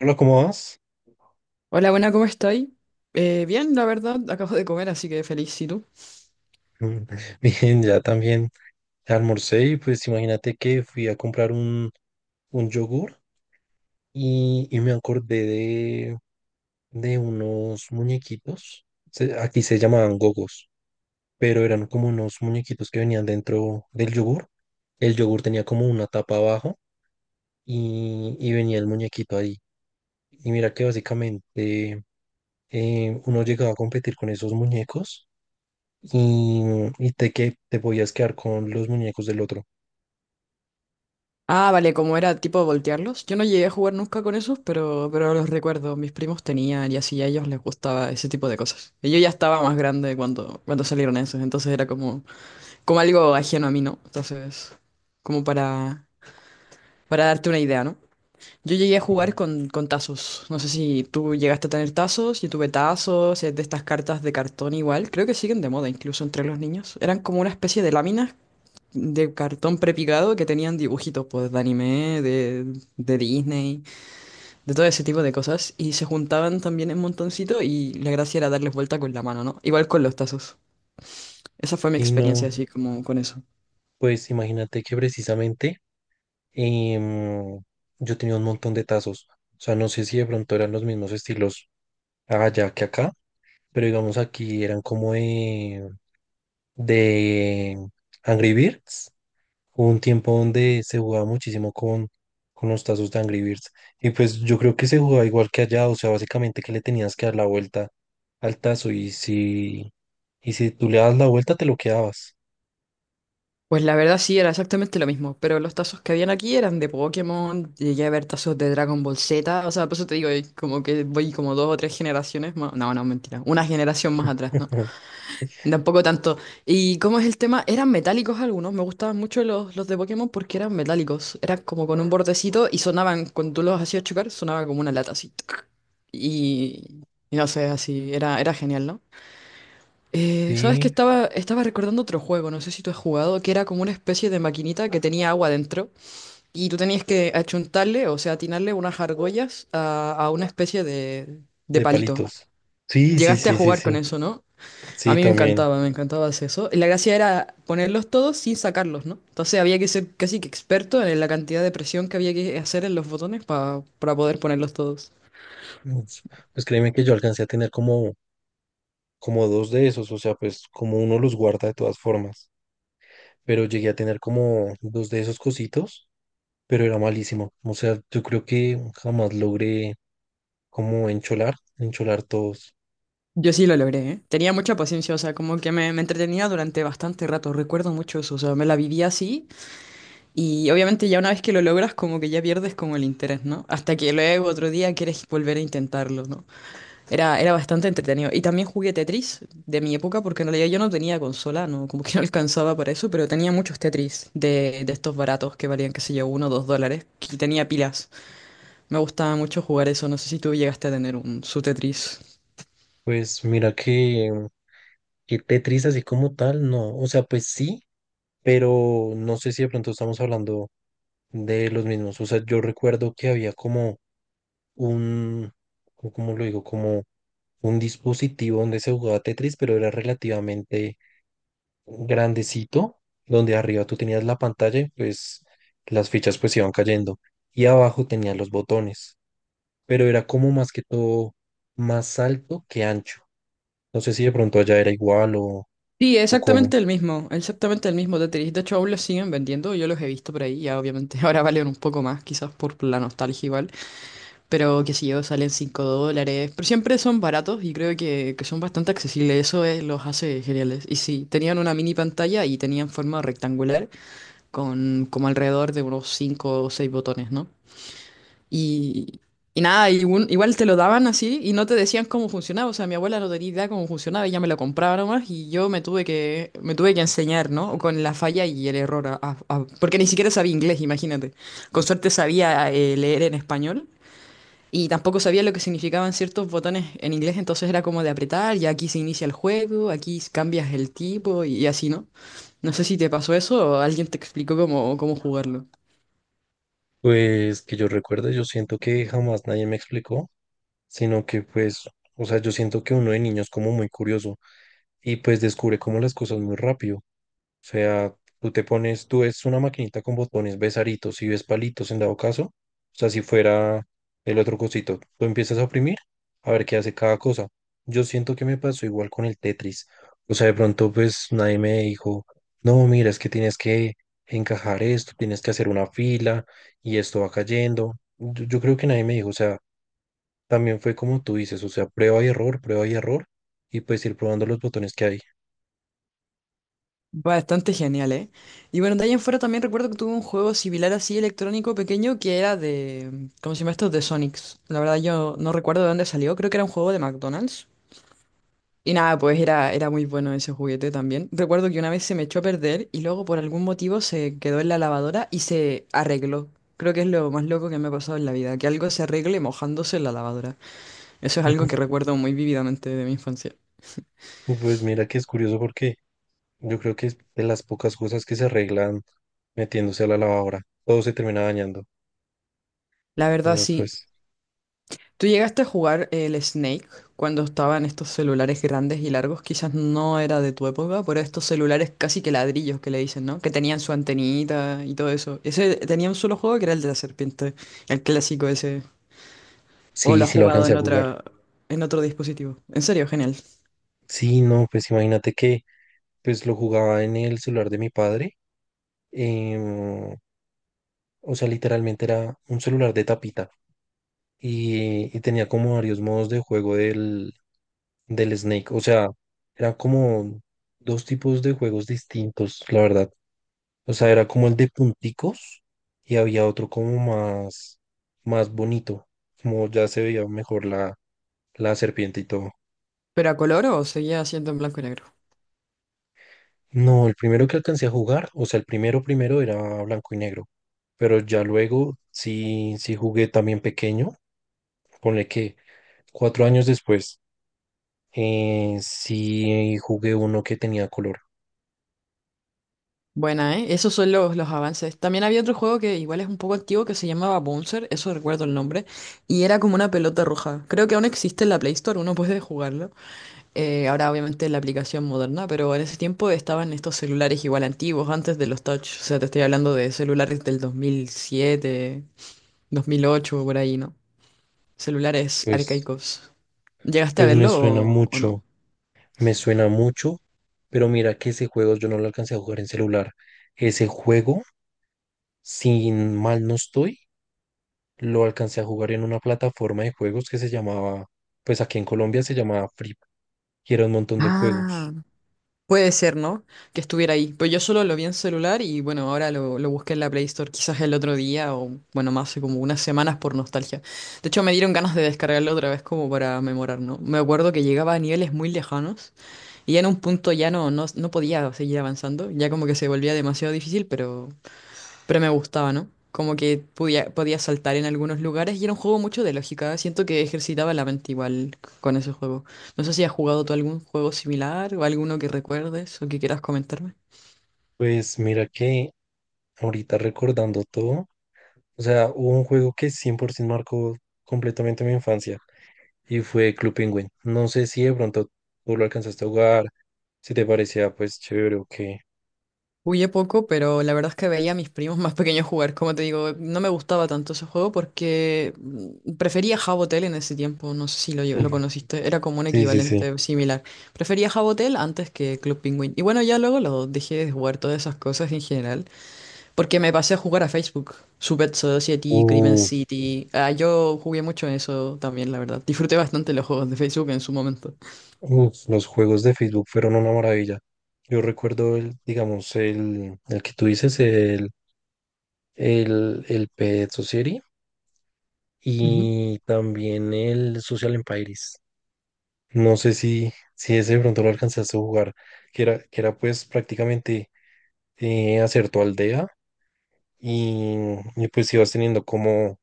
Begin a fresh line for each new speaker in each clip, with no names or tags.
Hola, ¿cómo vas?
Hola, buena, ¿cómo estáis? Bien, la verdad, acabo de comer, así que feliz, ¿y tú?
Mm, bien, ya también almorcé y pues imagínate que fui a comprar un yogur y me acordé de unos muñequitos. Aquí se llamaban gogos, pero eran como unos muñequitos que venían dentro del yogur. El yogur tenía como una tapa abajo y venía el muñequito ahí. Y mira que básicamente uno llegaba a competir con esos muñecos y, te podías quedar con los muñecos del otro.
Ah, vale, como era tipo voltearlos. Yo no llegué a jugar nunca con esos, pero los recuerdo. Mis primos tenían y así a ellos les gustaba ese tipo de cosas. Y yo ya estaba más grande cuando salieron esos, entonces era como, como algo ajeno a mí, ¿no? Entonces, como para, para darte una idea, ¿no? Yo llegué a
Eh,
jugar con tazos. No sé si tú llegaste a tener tazos, yo tuve tazos, es de estas cartas de cartón igual. Creo que siguen de moda incluso entre los niños. Eran como una especie de láminas de cartón prepicado que tenían dibujitos pues de anime, de Disney, de todo ese tipo de cosas y se juntaban también en montoncito y la gracia era darles vuelta con la mano, ¿no? Igual con los tazos. Esa fue mi
Sí,
experiencia
no,
así como con eso.
pues imagínate que precisamente em, yo tenía un montón de tazos. O sea, no sé si de pronto eran los mismos estilos allá que acá, pero digamos aquí eran como de Angry Birds. Hubo un tiempo donde se jugaba muchísimo con los tazos de Angry Birds. Y pues yo creo que se jugaba igual que allá, o sea, básicamente que le tenías que dar la vuelta al tazo y si tú le das la vuelta te lo quedabas.
Pues la verdad sí, era exactamente lo mismo, pero los tazos que habían aquí eran de Pokémon, llegué a ver tazos de Dragon Ball Z, o sea, por eso te digo, como que voy como dos o tres generaciones más, no, no, mentira, una generación más atrás, ¿no? Tampoco tanto. ¿Y cómo es el tema? Eran metálicos algunos. Me gustaban mucho los de Pokémon porque eran metálicos. Eran como con un bordecito y sonaban, cuando tú los hacías chocar, sonaba como una lata así. Tuc. Y, y no sé, así. Era genial, ¿no? ¿Sabes que
Sí,
Estaba recordando otro juego, no sé si tú has jugado, que era como una especie de maquinita que tenía agua dentro y tú tenías que achuntarle, o sea, atinarle unas argollas a una especie de
de
palito.
palitos. Sí, sí,
Llegaste a
sí, sí,
jugar con
sí.
eso, ¿no? A
Sí,
mí
también.
me encantaba hacer eso. La gracia era ponerlos todos sin sacarlos, ¿no? Entonces había que ser casi que experto en la cantidad de presión que había que hacer en los botones para poder ponerlos todos.
Pues, pues créeme que yo alcancé a tener como dos de esos, o sea, pues como uno los guarda de todas formas. Pero llegué a tener como dos de esos cositos, pero era malísimo. O sea, yo creo que jamás logré como encholar, encholar todos.
Yo sí lo logré, ¿eh? Tenía mucha paciencia, o sea, como que me entretenía durante bastante rato, recuerdo mucho eso, o sea, me la vivía así y obviamente ya una vez que lo logras como que ya pierdes como el interés, ¿no? Hasta que luego otro día quieres volver a intentarlo, ¿no? Era bastante entretenido. Y también jugué Tetris de mi época, porque en realidad yo no tenía consola, no, como que no alcanzaba para eso, pero tenía muchos Tetris de estos baratos que valían, qué sé yo, uno o dos dólares, y tenía pilas. Me gustaba mucho jugar eso, no sé si tú llegaste a tener un, su Tetris.
Pues mira que Tetris así como tal, no. O sea, pues sí, pero no sé si de pronto estamos hablando de los mismos. O sea, yo recuerdo que había como un, ¿cómo lo digo? Como un dispositivo donde se jugaba Tetris, pero era relativamente grandecito, donde arriba tú tenías la pantalla y pues las fichas pues iban cayendo. Y abajo tenías los botones, pero era como más que todo más alto que ancho. No sé si de pronto allá era igual
Sí,
o cómo.
exactamente el mismo Tetris. De hecho, aún los siguen vendiendo, yo los he visto por ahí, ya obviamente ahora valen un poco más, quizás por la nostalgia igual. Pero qué sé yo, salen 5 dólares. Pero siempre son baratos y creo que son bastante accesibles. Eso es- los hace geniales. Y sí, tenían una mini pantalla y tenían forma rectangular con como alrededor de unos 5 o 6 botones, ¿no? Y, y nada, y un- igual te lo daban así y no te decían cómo funcionaba. O sea, mi abuela no tenía idea cómo funcionaba, ella me lo compraba nomás y yo me tuve me tuve que enseñar, ¿no? Con la falla y el error. Porque ni siquiera sabía inglés, imagínate. Con suerte sabía leer en español. Y tampoco sabía lo que significaban ciertos botones en inglés, entonces era como de apretar, y aquí se inicia el juego, aquí cambias el tipo y así, ¿no? No sé si te pasó eso o alguien te explicó cómo jugarlo.
Pues que yo recuerde, yo siento que jamás nadie me explicó, sino que pues, o sea, yo siento que uno de niños como muy curioso y pues descubre como las cosas muy rápido. O sea, tú te pones, tú ves una maquinita con botones, ves aritos y ves palitos en dado caso. O sea, si fuera el otro cosito, tú empiezas a oprimir a ver qué hace cada cosa. Yo siento que me pasó igual con el Tetris. O sea, de pronto pues nadie me dijo, no, mira, es que tienes que encajar esto, tienes que hacer una fila y esto va cayendo. Yo creo que nadie me dijo, o sea, también fue como tú dices, o sea, prueba y error y pues ir probando los botones que hay.
Bastante genial, ¿eh? Y bueno, de ahí en fuera también recuerdo que tuve un juego similar así electrónico pequeño que era de… ¿Cómo se llama esto? De Sonics. La verdad yo no recuerdo de dónde salió, creo que era un juego de McDonald's. Y nada, pues era muy bueno ese juguete también. Recuerdo que una vez se me echó a perder y luego por algún motivo se quedó en la lavadora y se arregló. Creo que es lo más loco que me ha pasado en la vida, que algo se arregle mojándose en la lavadora. Eso es algo que recuerdo muy vívidamente de mi infancia.
Pues mira que es curioso porque yo creo que es de las pocas cosas que se arreglan metiéndose a la lavadora. Todo se termina dañando.
La verdad,
Entonces,
sí.
pues
¿Tú llegaste a jugar el Snake cuando estaban estos celulares grandes y largos? Quizás no era de tu época, pero estos celulares casi que ladrillos que le dicen, ¿no? Que tenían su antenita y todo eso. Ese tenía un solo juego que era el de la serpiente, el clásico ese. O lo
sí,
has
sí lo
jugado
alcancé a
en
jugar.
otra, en otro dispositivo. En serio, genial.
Sí, no, pues imagínate que pues lo jugaba en el celular de mi padre. em, o sea, literalmente era un celular de tapita. Y tenía como varios modos de juego del Snake. O sea, eran como dos tipos de juegos distintos, la verdad. O sea, era como el de punticos y había otro como más, más bonito, como ya se veía mejor la serpiente y todo.
¿Pero a color o seguía siendo en blanco y negro?
No, el primero que alcancé a jugar, o sea, el primero primero era blanco y negro, pero ya luego sí, sí jugué también pequeño, ponle que cuatro años después. Sí, jugué uno que tenía color.
Buena, ¿eh? Esos son los avances. También había otro juego que igual es un poco antiguo que se llamaba Bouncer, eso recuerdo el nombre, y era como una pelota roja. Creo que aún existe en la Play Store, uno puede jugarlo. Ahora obviamente en la aplicación moderna, pero en ese tiempo estaban estos celulares igual antiguos, antes de los touch. O sea, te estoy hablando de celulares del 2007, 2008, por ahí, ¿no? Celulares
Pues,
arcaicos. ¿Llegaste a
pues
verlo o no?
me suena mucho, pero mira que ese juego yo no lo alcancé a jugar en celular. Ese juego, sin mal no estoy, lo alcancé a jugar en una plataforma de juegos que se llamaba, pues aquí en Colombia se llamaba Free, y era un montón de juegos.
Ah, puede ser, ¿no? Que estuviera ahí. Pues yo solo lo vi en celular y bueno, ahora lo busqué en la Play Store quizás el otro día o bueno, más hace como unas semanas por nostalgia. De hecho, me dieron ganas de descargarlo otra vez como para memorar, ¿no? Me acuerdo que llegaba a niveles muy lejanos y ya en un punto ya no podía seguir avanzando, ya como que se volvía demasiado difícil, pero… Pero me gustaba, ¿no? Como que podía saltar en algunos lugares y era un juego mucho de lógica. Siento que ejercitaba la mente igual con ese juego. No sé si has jugado tú algún juego similar o alguno que recuerdes o que quieras comentarme.
Pues mira que ahorita recordando todo, o sea, hubo un juego que 100% marcó completamente mi infancia. Y fue Club Penguin. No sé si de pronto tú lo alcanzaste a jugar, si te parecía pues chévere o qué.
Jugué poco, pero la verdad es que veía a mis primos más pequeños jugar. Como te digo, no me gustaba tanto ese juego porque prefería Jabotel en ese tiempo. No sé si lo, lo
Ujú.
conociste. Era como un
Sí, sí, sí.
equivalente similar. Prefería Jabotel antes que Club Penguin. Y bueno, ya luego lo dejé de jugar todas esas cosas en general. Porque me pasé a jugar a Facebook. Super Society, Crimen
Uh,
City. Ah, yo jugué mucho en eso también, la verdad. Disfruté bastante los juegos de Facebook en su momento.
uf, los juegos de Facebook fueron una maravilla. Yo recuerdo el que tú dices, el Pet Society
Ujú.
y también el Social Empires. No sé si ese de pronto lo alcanzaste a jugar, que era pues prácticamente hacer tu aldea y, y pues ibas teniendo como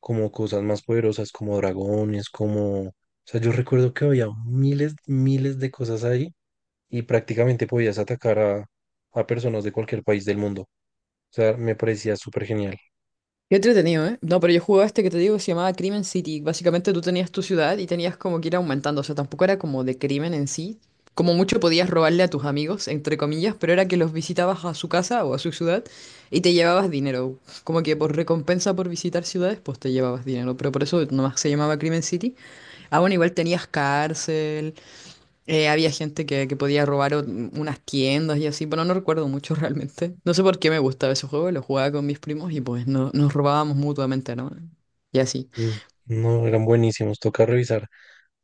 como cosas más poderosas, como dragones, como... O sea, yo recuerdo que había miles, miles de cosas ahí y prácticamente podías atacar a personas de cualquier país del mundo. O sea, me parecía súper genial.
Qué entretenido, ¿eh? No, pero yo jugaba este que te digo que se llamaba Crimen City. Básicamente tú tenías tu ciudad y tenías como que ir aumentando. O sea, tampoco era como de crimen en sí. Como mucho podías robarle a tus amigos, entre comillas, pero era que los visitabas a su casa o a su ciudad y te llevabas dinero. Como que por recompensa por visitar ciudades, pues te llevabas dinero. Pero por eso nomás se llamaba Crimen City. Ah, bueno, igual tenías cárcel, había gente que podía robar unas tiendas y así, bueno, no recuerdo mucho realmente. No sé por qué me gustaba ese juego, lo jugaba con mis primos y pues no, nos robábamos mutuamente, ¿no? Y así.
Mm, no, eran buenísimos. Toca revisar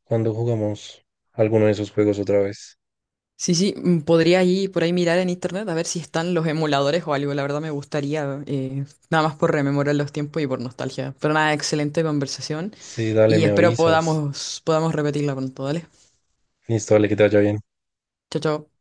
cuando jugamos alguno de esos juegos otra vez.
Sí, podría ir por ahí mirar en internet a ver si están los emuladores o algo, la verdad me gustaría, nada más por rememorar los tiempos y por nostalgia. Pero nada, excelente conversación
Sí, dale,
y
me
espero
avisas.
podamos repetirla pronto, ¿vale?
Listo, dale, que te vaya bien.
Chao, chao.